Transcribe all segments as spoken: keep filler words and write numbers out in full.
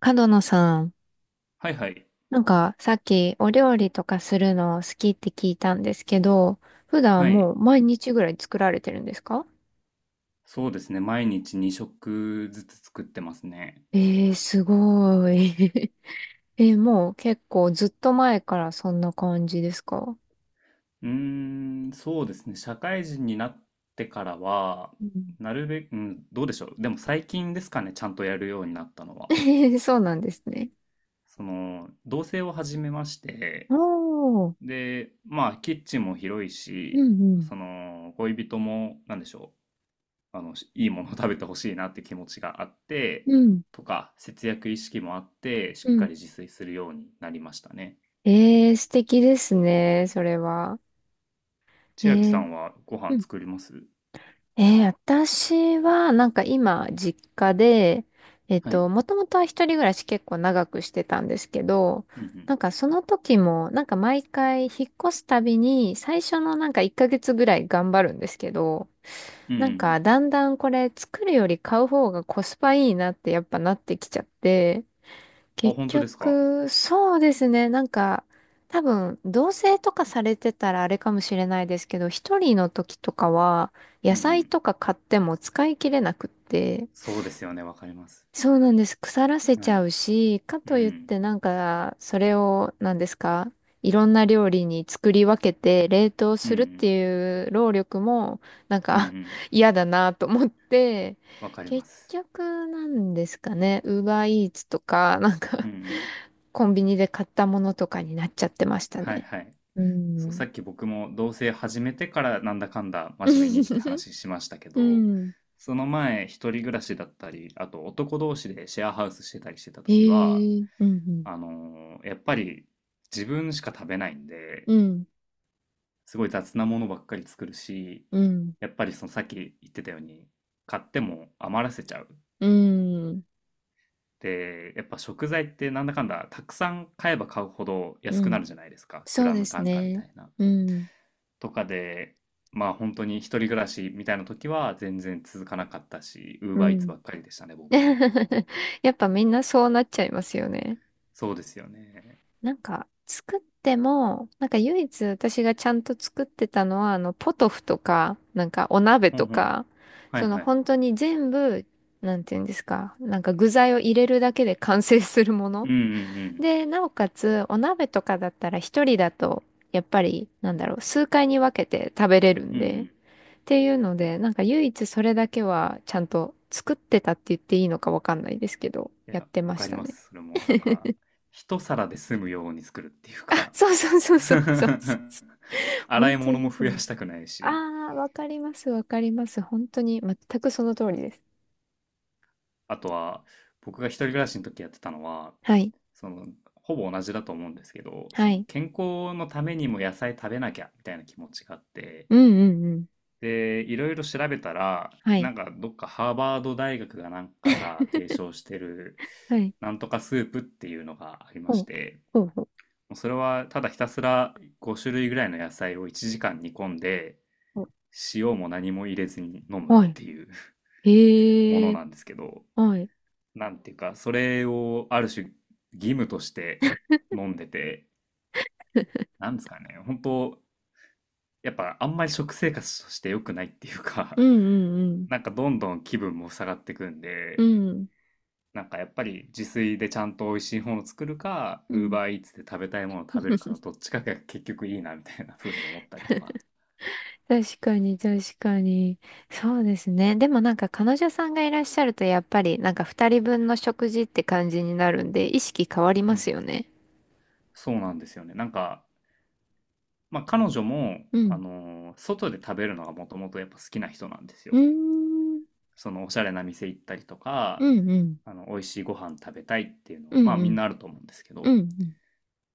角野さん、はいはい。なんかさっきお料理とかするの好きって聞いたんですけど、普は段い。もう毎日ぐらい作られてるんですか？そうですね。毎日に食ずつ作ってますね。えー、すごい。えー、もう結構ずっと前からそんな感じですか？うーん、そうですね。社会人になってからは、うなるべく、うん、どうでしょう。でも最近ですかね、ちゃんとやるようになったのは。ん。 そうなんですね。その、同棲を始めまして、おー、で、まあ、キッチンも広いうし、んうん、その、恋人も、なんでしょう。あの、いいものを食べてほしいなって気持ちがあって、うん、とか、節約意識もあって、しうっかん。り自炊するようになりましたね。えー、素敵ですね、それは。え千秋さー、んはごう飯ん。作ります？えー、私は、なんか今、実家で、えっはい。と、もともとは一人暮らし結構長くしてたんですけど、うんうん。なんかその時も、なんか毎回引っ越すたびに、最初のなんかいっかげつぐらい頑張るんですけど、うんうなんんうかだんだんこれ作るより買う方がコスパいいなってやっぱなってきちゃって、ん。あ、結本当ですか？局、そうですね。なんか、多分、同棲とかされてたらあれかもしれないですけど、一人の時とかは、野うんう菜ん。とか買っても使い切れなくって、そうですよね、わかります。そうなんです。腐らせちはゃい。うし、かうといっん。てなんか、それを、なんですか、いろんな料理に作り分けて冷凍うんすうるってん。いう労力も、なんうんうか ん。嫌だなと思って、わかりま結す。局なんですかね、ウーバーイーツとか、なんうかんうん。コンビニで買ったものとかになっちゃってましたはいね。はい。うそう、さん。っき僕も同棲始めてからなんだかんだ真面目にって 話しましたけうど、ん。その前一人暮らしだったり、あと男同士でシェアハウスしてたりしてた え時は、え、うん、あのーやっぱり自分しか食べないんで、うん。すごい雑なものばっかり作るし、うん。やっぱりそのさっき言ってたように、買っても余らせちゃう。うん。うん。で、やっぱ食材ってなんだかんだたくさん買えば買うほどう安くなん。るじゃないですか。グそうラでムす単価みたね。いな。うん。とかで、まあ本当に一人暮らしみたいな時は全然続かなかったし、ウーうバーイーツん。ばっかりでしたね、僕も。やっぱみんなそうなっちゃいますよね。そうですよね。なんか、作っても、なんか唯一私がちゃんと作ってたのは、あの、ポトフとか、なんかお鍋うんうとん。か、はいそのはい。本当に全部、なんていうんですか、なんか具材を入れるだけで完成するもうの。んうんうん。で、なおかつ、お鍋とかだったら一人だと、やっぱり、なんだろう、数回に分けて食べれるうんんうで、っん。ていうので、なんか唯一それだけはちゃんと作ってたって言っていいのかわかんないですけど、いやっや、てわまかしりたまね。す。それも、なんか、一皿で済むように作るっていう か。 そうそうそう そうそうそうそう。洗本い当物もにそ増やう。したくないあし、あ、わかります、わかります。本当に全くその通りです。あとは、僕が一人暮らしの時やってたのは、はい。その、ほぼ同じだと思うんですけど、はその、い。健康のためにも野菜食べなきゃ、みたいな気持ちがあって、うんうんうん。で、いろいろ調べたら、はない。んか、どっかハーバード大学がなんかが提唱 してる、はい。なんとかスープっていうのがありまほしう。て、ほう。ほうもうそれはただひたすらご種類ぐらいの野菜をいちじかん煮込んでほう。塩も何も入れずに飲むっはい。ていう もへのえ。なんですけど、はい。なんていうかそれをある種義務として飲んでて、 なんですかね、本当、やっぱあんまり食生活として良くないっていううか、 んう んなんかどんどん気分も下がってくんうで、ん。なんかやっぱり自炊でちゃんと美味しいものを作るか うん。うん。Uber Eats で食べたいものを食べるかの どっちかが結局いいなみたいな風に思ったりとか。確かに、確かに。そうですね。でもなんか彼女さんがいらっしゃるとやっぱりなんか二人分の食事って感じになるんで意識変わりうますん。よね。そうなんですよね。なんか、まあ、彼女も、うあん。のー外で食べるのがもともとやっぱ好きな人なんですうよ。ーん。そのおしゃれな店行ったりとうか、んうん。あの、美味しいご飯食べたいっていうのは、うまんあうみんなん。あると思うんですけうど。んうん。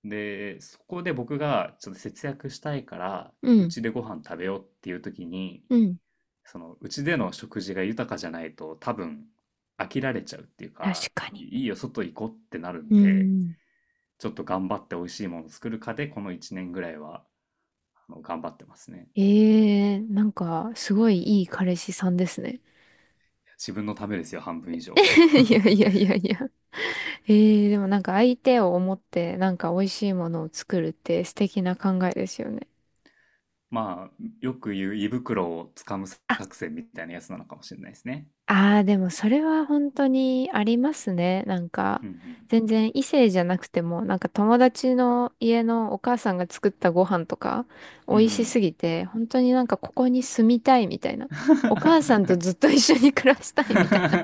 で、そこで僕がちょっと節約したいから、ううんちでご飯食べようっていう時に、うん。その、うちでの食事が豊かじゃないと多分飽きられちゃうっていう確か、かに。いいいよ、外行こうってなるうんーで、ん。ちょっと頑張って美味しいもの作るかで、このいちねんぐらいは。あの頑張ってますね。ええー、なんかすごいいい彼氏さんですね。自分のためですよ、半分以 上。いやいや いやいや。えー、でもなんか相手を思ってなんか美味しいものを作るって素敵な考えですよね。まあ、よく言う胃袋をつかむ作戦みたいなやつなのかもしれないですね。ああ、でもそれは本当にありますね。なんか、うん全然異性じゃなくても、なんか友達の家のお母さんが作ったご飯とか、美うん。うん味うしすん。ぎて、本当になんかここに住みたいみたいな。お母さんと ずっと一緒に暮らしたいみたいな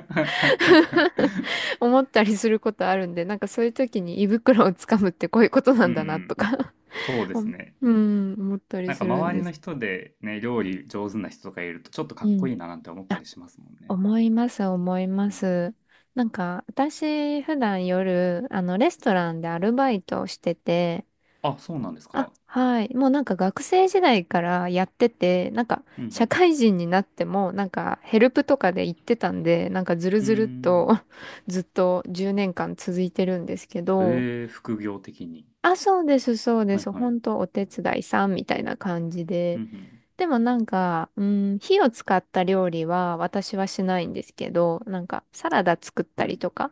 思ったりすることあるんで、なんかそういう時に胃袋をつかむってこういうことなうんんうだなとん。か。 そう ですね。うん、思ったりなんすかるん周りでのす。人でね、料理上手な人とかいるとちょっとかうっこん。いいななんて思ったりしますもんね。思います、思いまうん。す。なんか、私、普段夜、あの、レストランでアルバイトをしてて、あ、そうなんですあ、か。はい。もうなんか学生時代からやってて、なんか、う社ん会人になっても、なんか、ヘルプとかで行ってたんで、なんか、ずるうん。うーずるっん。と ずっとじゅうねんかん続いてるんですけど、へえ、副業的に。あ、そうです、そうではいす。はい。本当お手伝いさんみたいな感じうで。んでもなんか、うん、火を使った料理は私はしないんですけど、なんかサラダ作っうたん。はりい。とか、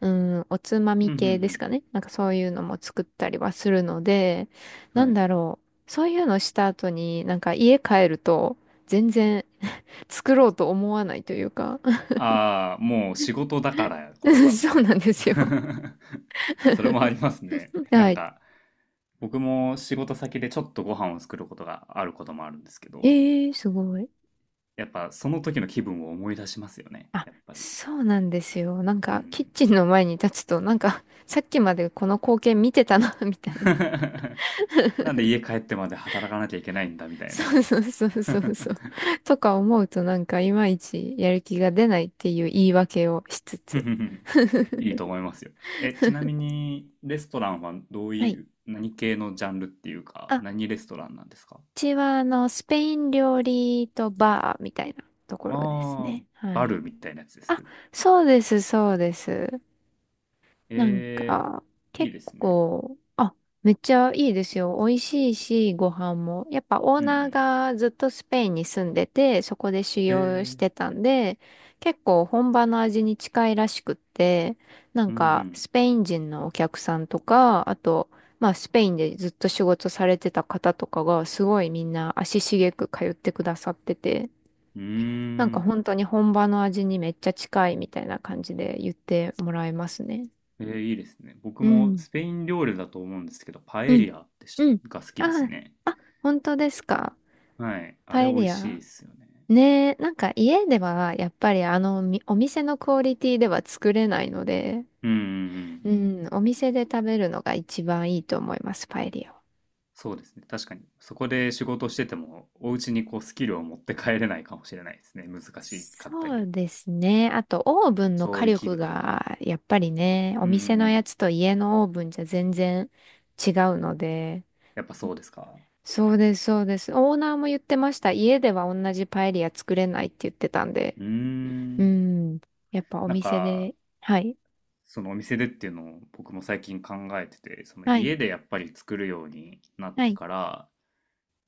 うん、おつまみうんう系ですんかね。なんかそういうのも作ったりはするので、うん。なはんい。だろう。そういうのした後になんか家帰ると全然 作ろうと思わないというか。 ああ、もう仕事だから、これ は、みたそういなんな。ですよ。それもありますね。なはんい。か、僕も仕事先でちょっとご飯を作ることがあることもあるんですけど、ええー、すごい。やっぱその時の気分を思い出しますよね、あ、やっぱり。そうなんですよ。なんうかキッん。チンの前に立つとなんかさっきまでこの光景見てたな みたいな。 なんで家帰ってまで働かなきゃいけないんだ、みたいそな。うそうそうそうそう。とか思うとなんかいまいちやる気が出ないっていう言い訳をしつつ。いいと思いますよ。え、ちなみに、レストランはどうはい。いう、何系のジャンルっていうあ、か、う何レストランなんですか？ちはあの、スペイン料理とバーみたいなところですああー、ね。はバい。ルみたいなやつであ、す。そうです、そうです。なんええ、か、いい結ですね。構、あ、めっちゃいいですよ。美味しいし、ご飯も。やっぱオーうんうナーん。がずっとスペインに住んでて、そこで修え行しえ、てたんで、結構本場の味に近いらしくって、なうんか、んスペイン人のお客さんとか、あと、まあ、スペインでずっと仕事されてた方とかが、すごいみんな足しげく通ってくださってて、うん。うなんーかん。本当に本場の味にめっちゃ近いみたいな感じで言ってもらえますね。ええ、いいですね。僕うもん。スペイン料理だと思うんですけど、パエうリん。アってしうん。が好きですあね。あ、あ、本当ですか？はい。あパれ美エ味リしいア。ですよね。ねえ、なんか家ではやっぱりあのみお店のクオリティでは作れないので、うんうんうん。うん、お店で食べるのが一番いいと思います、パエリアは。そうですね。確かに。そこで仕事してても、お家にこうスキルを持って帰れないかもしれないですね。難しかったそうり。ですね。あとオーブンの調火理器力具とか。がやっぱりね、おうんうんう店のやん。つと家のオーブンじゃ全然違うので、やっぱそうですか。そうです、そうです。オーナーも言ってました。家では同じパエリア作れないって言ってたんで。うーうん。ん。やっぱおなん店か、で、はい。そのお店でっていうのを僕も最近考えてて、そのはい。家でやっぱり作るようになっはてい。から、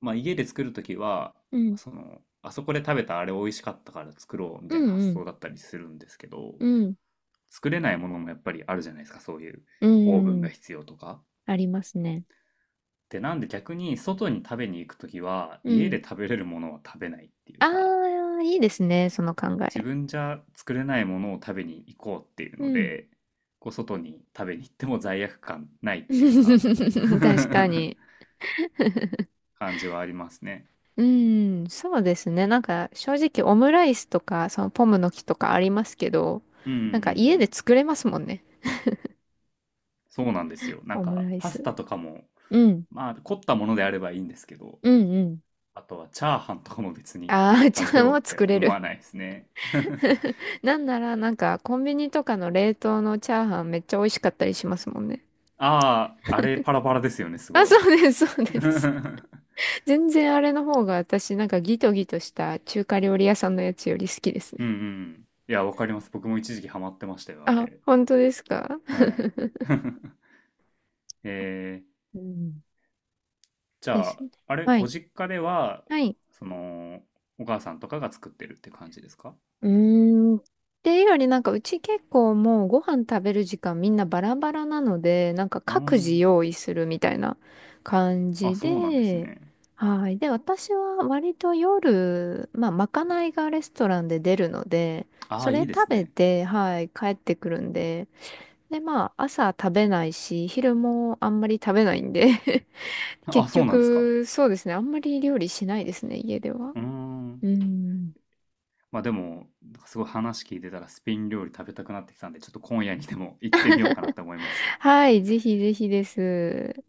まあ家で作るときは、うん。その、あそこで食べたあれ美味しかったから作ろうみうたいな発ん。想だったりするんですけど、うん。作れないものもやっぱりあるじゃないですか、そういううオーブンん。うがん。必要とか。ありますね。で、なんで逆に外に食べに行くときは、う家ん。で食べれるものは食べないっていうあか、あ、いいですね。その考自え。分じゃ作れないものを食べに行こうっていううのん。で、こう外に食べに行っても罪悪感ないっていうか。 確か に。感じはありますね。うん。そうですね。なんか、正直オムライスとか、そのポムの木とかありますけど、うんうんうなんか家でん。作れますもんね。そうなんですよ。なんオムかライパスス。タとかも、うん。まあ凝ったものであればいいんですけど、うんうん。あとはチャーハンとかも別にああ、じ食ゃべあようもっうて作れ思わる。ないですね。なんなら、なんか、コンビニとかの冷凍のチャーハンめっちゃ美味しかったりしますもんね。ああ、あれパラパラですよね、すあ、ごそい。うです、そう うです。ん 全然あれの方が私、なんかギトギトした中華料理屋さんのやつより好きですうね。ん。いや、わかります。僕も一時期ハマってましたよ、ああ、れ。本当ですか？はい。えー、うん。じでゃすあ、ね。あれ、はごい。実家では、はい。その、お母さんとかが作ってるって感じですか？うーん。っていうよりなんかうち結構もうご飯食べる時間みんなバラバラなので、なんかあ各自ー、用意するみたいな感あ、じそうなんですで、ね。はい。で、私は割と夜、まあ、まかないがレストランで出るので、あそあ、れいいで食すべね。て、はい、帰ってくるんで、で、まあ、朝食べないし、昼もあんまり食べないんで あ、結そうなんですか。局、そうですね、あんまり料理しないですね、家では。うーん。うん。まあでも、なんかすごい話聞いてたらスペイン料理食べたくなってきたんで、ちょっと今夜にでも行ってみようかなと思います。はい、ぜひぜひです。